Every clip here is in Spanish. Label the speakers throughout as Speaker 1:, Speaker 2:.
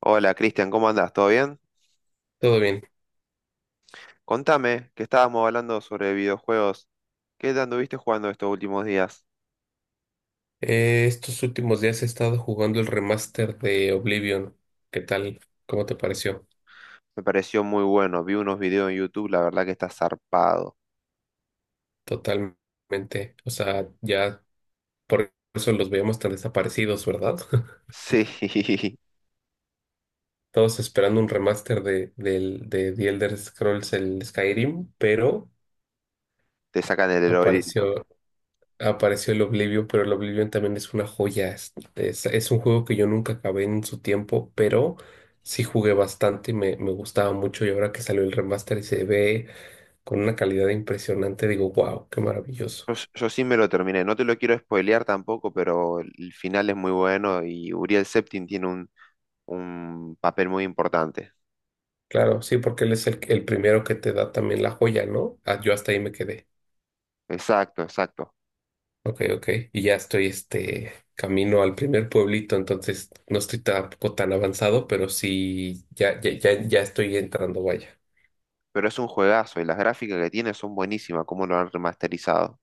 Speaker 1: Hola Cristian, ¿cómo andás? ¿Todo bien?
Speaker 2: Todo bien.
Speaker 1: Contame, que estábamos hablando sobre videojuegos. ¿Qué te anduviste jugando estos últimos días?
Speaker 2: Estos últimos días he estado jugando el remaster de Oblivion. ¿Qué tal? ¿Cómo te pareció?
Speaker 1: Me pareció muy bueno, vi unos videos en YouTube, la verdad que está zarpado.
Speaker 2: Totalmente. O sea, ya por eso los veíamos tan desaparecidos, ¿verdad?
Speaker 1: Sí,
Speaker 2: Todos esperando un remaster del de The Elder Scrolls, el Skyrim, pero
Speaker 1: te sacan el Oblivion.
Speaker 2: apareció, apareció el Oblivion, pero el Oblivion también es una joya. Es un juego que yo nunca acabé en su tiempo, pero sí jugué bastante y me gustaba mucho. Y ahora que salió el remaster y se ve con una calidad impresionante, digo, wow, qué maravilloso.
Speaker 1: Yo sí me lo terminé, no te lo quiero spoilear tampoco, pero el final es muy bueno y Uriel Septim tiene un papel muy importante.
Speaker 2: Claro, sí, porque él es el primero que te da también la joya, ¿no? Ah, yo hasta ahí me quedé.
Speaker 1: Exacto, exacto.
Speaker 2: Ok, ok. Y ya estoy, este, camino al primer pueblito, entonces no estoy tampoco tan avanzado, pero sí, ya estoy entrando, vaya.
Speaker 1: Pero es un juegazo y las gráficas que tiene son buenísimas, como lo han remasterizado.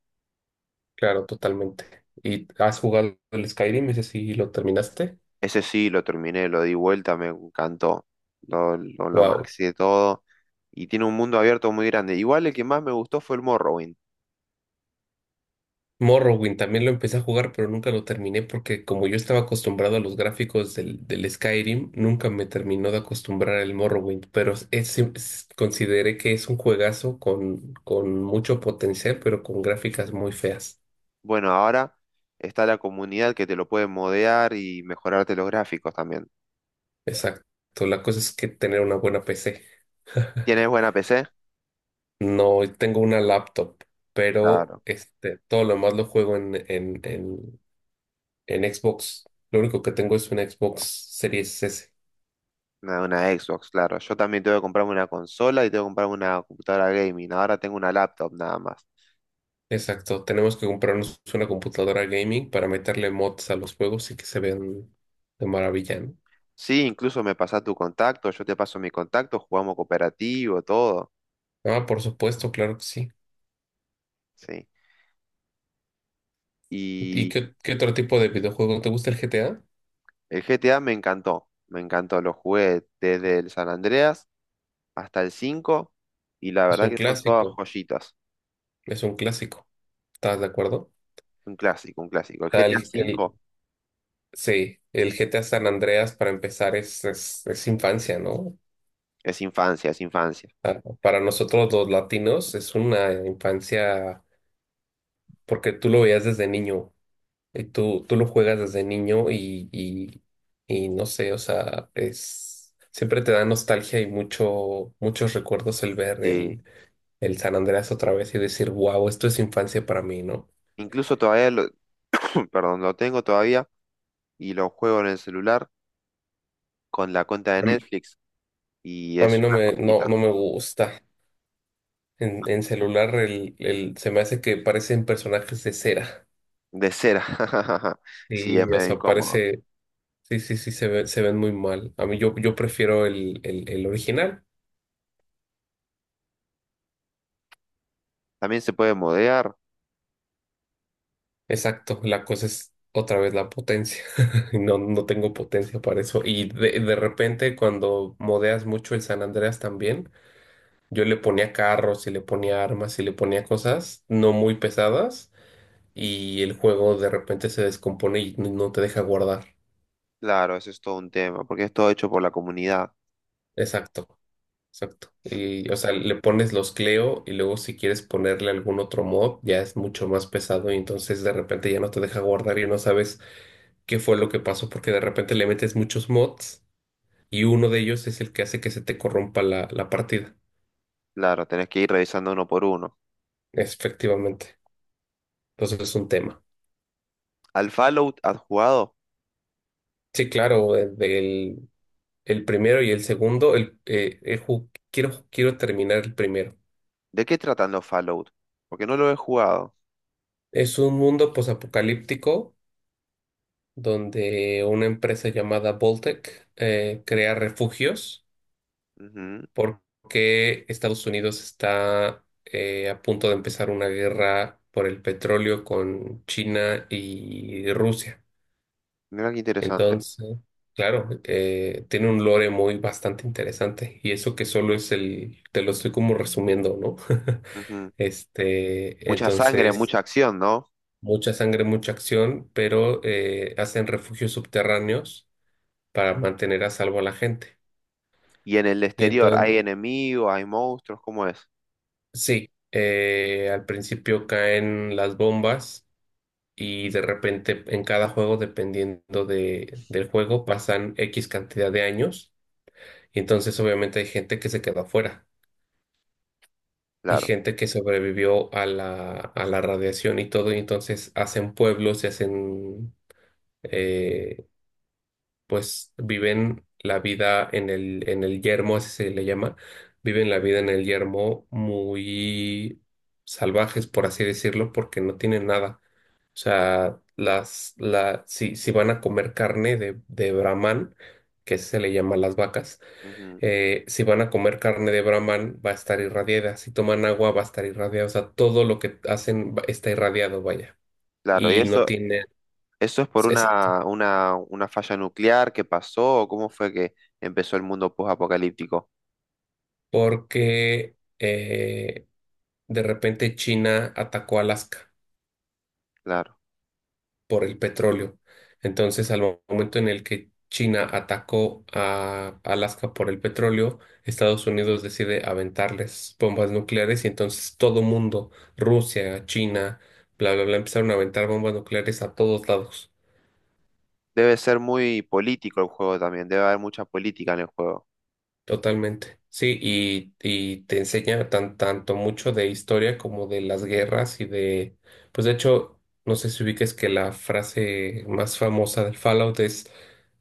Speaker 2: Claro, totalmente. ¿Y has jugado el Skyrim? Ese sí lo terminaste.
Speaker 1: Ese sí, lo terminé, lo di vuelta, me encantó. Lo
Speaker 2: Wow.
Speaker 1: maxi de todo. Y tiene un mundo abierto muy grande. Igual el que más me gustó fue el Morrowind.
Speaker 2: Morrowind también lo empecé a jugar, pero nunca lo terminé porque como yo estaba acostumbrado a los gráficos del Skyrim, nunca me terminó de acostumbrar el Morrowind, pero consideré que es un juegazo con mucho potencial, pero con gráficas muy feas.
Speaker 1: Bueno, ahora está la comunidad que te lo puede modear y mejorarte los gráficos también.
Speaker 2: Exacto. La cosa es que tener una buena PC.
Speaker 1: ¿Tienes buena PC?
Speaker 2: No tengo una laptop, pero
Speaker 1: Claro.
Speaker 2: este, todo lo más lo juego en Xbox. Lo único que tengo es una Xbox Series S.
Speaker 1: Una Xbox, claro. Yo también tengo que comprarme una consola y tengo que comprarme una computadora gaming. Ahora tengo una laptop nada más.
Speaker 2: Exacto, tenemos que comprarnos una computadora gaming para meterle mods a los juegos y que se vean de maravilla, ¿no?
Speaker 1: Sí, incluso me pasás tu contacto, yo te paso mi contacto, jugamos cooperativo, todo.
Speaker 2: Ah, por supuesto, claro que sí.
Speaker 1: Sí.
Speaker 2: ¿Y qué otro tipo de videojuego te gusta el GTA?
Speaker 1: El GTA me encantó, me encantó. Lo jugué desde el San Andreas hasta el 5 y la
Speaker 2: Es
Speaker 1: verdad
Speaker 2: un
Speaker 1: que son todas
Speaker 2: clásico,
Speaker 1: joyitas.
Speaker 2: es un clásico. ¿Estás de acuerdo?
Speaker 1: Un clásico, un clásico. El
Speaker 2: Está
Speaker 1: GTA
Speaker 2: el, el-
Speaker 1: 5
Speaker 2: sí, el GTA San Andreas para empezar es infancia, ¿no?
Speaker 1: es infancia, es infancia.
Speaker 2: Ah, para nosotros los latinos es una infancia porque tú lo veías desde niño. Tú lo juegas desde y no sé, o sea, es, siempre te da nostalgia y muchos recuerdos el ver
Speaker 1: Sí.
Speaker 2: el San Andreas otra vez y decir, wow, esto es infancia para mí, ¿no?
Speaker 1: Incluso todavía lo, perdón, lo tengo todavía y lo juego en el celular con la cuenta de
Speaker 2: A mí
Speaker 1: Netflix y
Speaker 2: a mí
Speaker 1: es una joyita
Speaker 2: no me gusta. En celular se me hace que parecen personajes de cera.
Speaker 1: de cera. Sí, es
Speaker 2: Sí, o
Speaker 1: medio
Speaker 2: sea,
Speaker 1: incómodo.
Speaker 2: parece, sí, se ven muy mal. Yo prefiero el original.
Speaker 1: También se puede modear,
Speaker 2: Exacto, la cosa es otra vez la potencia. No tengo potencia para eso. Y de repente cuando modeas mucho el San Andreas también, yo le ponía carros y le ponía armas y le ponía cosas no muy pesadas y el juego de repente se descompone y no te deja guardar.
Speaker 1: claro, eso es todo un tema, porque es todo hecho por la comunidad.
Speaker 2: Exacto, exacto. Y o sea, le pones los Cleo y luego si quieres ponerle algún otro mod ya es mucho más pesado y entonces de repente ya no te deja guardar y no sabes qué fue lo que pasó porque de repente le metes muchos mods y uno de ellos es el que hace que se te corrompa la partida,
Speaker 1: Claro, tenés que ir revisando uno por uno.
Speaker 2: efectivamente. Entonces es un tema.
Speaker 1: ¿Al Fallout has jugado?
Speaker 2: Sí, claro, el primero y el segundo, quiero, quiero terminar el primero.
Speaker 1: ¿De qué tratan los Fallout? Porque no lo he jugado.
Speaker 2: Es un mundo posapocalíptico donde una empresa llamada Voltec crea refugios
Speaker 1: Ujú.
Speaker 2: porque Estados Unidos está a punto de empezar una guerra por el petróleo con China y Rusia.
Speaker 1: Mira qué interesante.
Speaker 2: Entonces, claro, tiene un lore muy bastante interesante y eso que solo es el, te lo estoy como resumiendo, ¿no?
Speaker 1: Ujú.
Speaker 2: Este,
Speaker 1: Mucha sangre,
Speaker 2: entonces,
Speaker 1: mucha acción, ¿no?
Speaker 2: mucha sangre, mucha acción, pero hacen refugios subterráneos para mantener a salvo a la gente.
Speaker 1: Y en el
Speaker 2: Y
Speaker 1: exterior, ¿hay
Speaker 2: entonces,
Speaker 1: enemigos, hay monstruos? ¿Cómo es?
Speaker 2: sí, al principio caen las bombas y de repente en cada juego, dependiendo del juego, pasan X cantidad de años y entonces obviamente hay gente que se queda afuera. Y
Speaker 1: Claro.
Speaker 2: gente que sobrevivió a a la radiación y todo, y entonces hacen pueblos y hacen, eh, pues viven la vida en en el yermo, así se le llama, viven la vida en el yermo muy salvajes, por así decirlo, porque no tienen nada. O sea, las, la, si, si van a comer carne de Brahman, que se le llama las vacas,
Speaker 1: Ujú.
Speaker 2: si van a comer carne de Brahman, va a estar irradiada. Si toman agua, va a estar irradiada. O sea, todo lo que hacen está irradiado, vaya.
Speaker 1: Claro, ¿y
Speaker 2: Y no
Speaker 1: eso,
Speaker 2: tiene.
Speaker 1: eso es por
Speaker 2: Exacto.
Speaker 1: una falla nuclear que pasó? ¿O cómo fue que empezó el mundo post-apocalíptico?
Speaker 2: Porque de repente China atacó Alaska
Speaker 1: Claro.
Speaker 2: por el petróleo. Entonces, al momento en el que China atacó a Alaska por el petróleo, Estados Unidos decide aventarles bombas nucleares y entonces todo mundo, Rusia, China, bla, bla, bla, empezaron a aventar bombas nucleares a todos lados,
Speaker 1: Debe ser muy político el juego también, debe haber mucha política en el juego.
Speaker 2: totalmente. Sí, y te enseña tanto mucho de historia como de las guerras y de, pues de hecho, no sé si ubiques que la frase más famosa del Fallout es,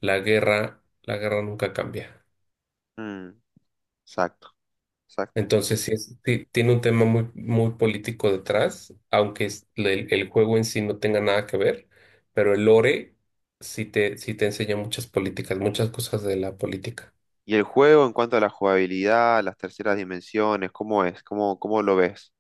Speaker 2: la guerra nunca cambia.
Speaker 1: Mm, exacto, exacto.
Speaker 2: Entonces, sí, sí tiene un tema muy político detrás, aunque el juego en sí no tenga nada que ver, pero el lore sí te enseña muchas políticas, muchas cosas de la política.
Speaker 1: ¿Y el juego en cuanto a la jugabilidad, las terceras dimensiones, cómo es? ¿Cómo, cómo lo ves?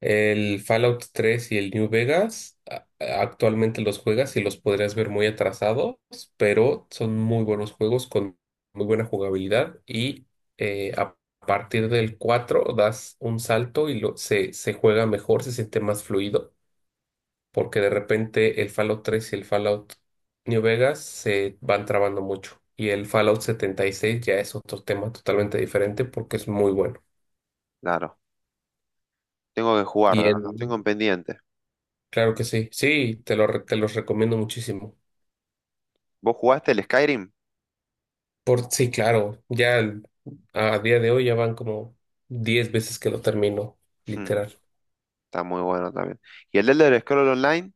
Speaker 2: El Fallout 3 y el New Vegas actualmente los juegas y los podrías ver muy atrasados, pero son muy buenos juegos con muy buena jugabilidad y A partir del 4 das un salto y se juega mejor, se siente más fluido porque de repente el Fallout 3 y el Fallout New Vegas se van trabando mucho. Y el Fallout 76 ya es otro tema totalmente diferente porque es muy bueno.
Speaker 1: Claro, tengo que jugarlo,
Speaker 2: Y
Speaker 1: lo tengo
Speaker 2: el,
Speaker 1: en pendiente.
Speaker 2: claro que sí, sí, te los recomiendo muchísimo.
Speaker 1: ¿Vos jugaste el Skyrim?
Speaker 2: Sí, claro, a día de hoy ya van como 10 veces que lo termino,
Speaker 1: Hmm,
Speaker 2: literal.
Speaker 1: está muy bueno también. ¿Y el Elder Scrolls Online?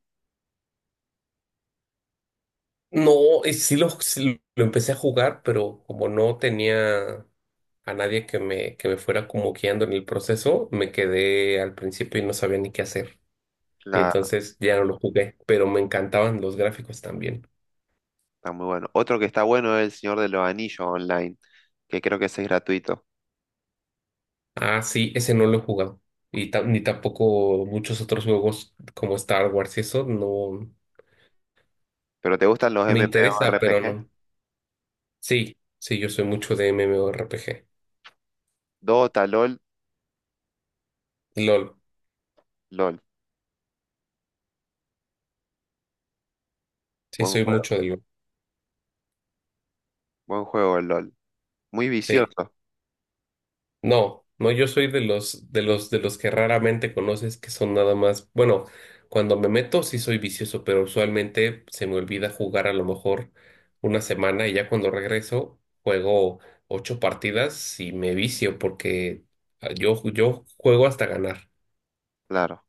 Speaker 2: No, sí sí lo empecé a jugar, pero como no tenía a nadie que me fuera como guiando en el proceso, me quedé al principio y no sabía ni qué hacer. Y
Speaker 1: Claro,
Speaker 2: entonces ya no lo jugué, pero me encantaban los gráficos también.
Speaker 1: está muy bueno. Otro que está bueno es el Señor de los Anillos Online, que creo que ese es gratuito.
Speaker 2: Ah, sí, ese no lo he jugado. Y ni tampoco muchos otros juegos como Star Wars y eso no
Speaker 1: ¿Pero te gustan los
Speaker 2: me interesa, pero
Speaker 1: MMORPG?
Speaker 2: no. Sí, sí, yo soy mucho de MMORPG.
Speaker 1: Dota, LOL,
Speaker 2: LOL,
Speaker 1: LOL.
Speaker 2: sí,
Speaker 1: Buen
Speaker 2: soy mucho
Speaker 1: juego,
Speaker 2: de LOL.
Speaker 1: buen juego el LOL. Muy
Speaker 2: Sí.
Speaker 1: vicioso,
Speaker 2: No, no, yo soy de los que raramente conoces que son nada más, bueno, cuando me meto sí soy vicioso, pero usualmente se me olvida jugar a lo mejor una semana y ya cuando regreso juego 8 partidas y me vicio porque ah, yo juego hasta ganar.
Speaker 1: claro.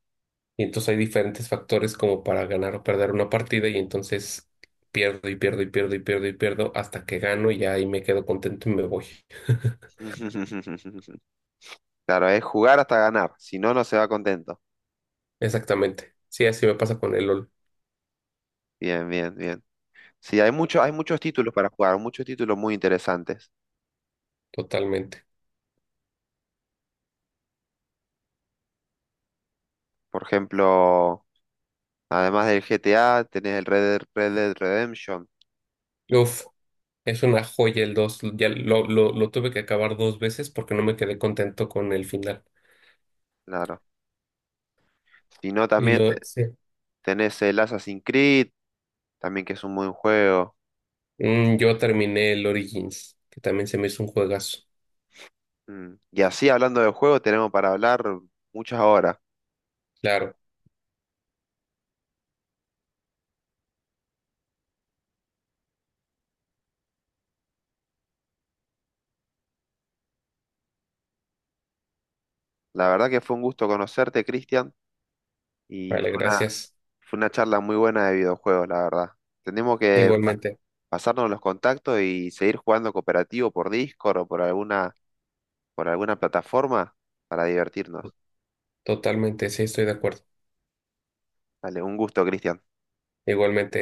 Speaker 2: Y entonces hay diferentes factores como para ganar o perder una partida y entonces pierdo hasta que gano y ya ahí me quedo contento y me voy.
Speaker 1: Claro, es jugar hasta ganar, si no, no se va contento.
Speaker 2: Exactamente. Sí, así me pasa con el LOL,
Speaker 1: Bien, bien, bien. Sí, hay muchos títulos para jugar, muchos títulos muy interesantes.
Speaker 2: totalmente.
Speaker 1: Por ejemplo, además del GTA, tenés el Red Dead, Red Dead Redemption,
Speaker 2: Uf, es una joya el dos. Ya lo tuve que acabar dos veces porque no me quedé contento con el final.
Speaker 1: claro. Si no, también
Speaker 2: Sí.
Speaker 1: tenés el Assassin's Creed, también que es un buen juego.
Speaker 2: Mm, yo terminé el Origins, que también se me hizo un juegazo.
Speaker 1: Mm. Y así, hablando de juegos, tenemos para hablar muchas horas.
Speaker 2: Claro,
Speaker 1: La verdad que fue un gusto conocerte, Cristian, y
Speaker 2: vale,
Speaker 1: fue una,
Speaker 2: gracias.
Speaker 1: fue una charla muy buena de videojuegos, la verdad. Tenemos que
Speaker 2: Igualmente,
Speaker 1: pasarnos los contactos y seguir jugando cooperativo por Discord o por alguna plataforma para divertirnos.
Speaker 2: totalmente, sí, estoy de acuerdo.
Speaker 1: Dale, un gusto, Cristian.
Speaker 2: Igualmente.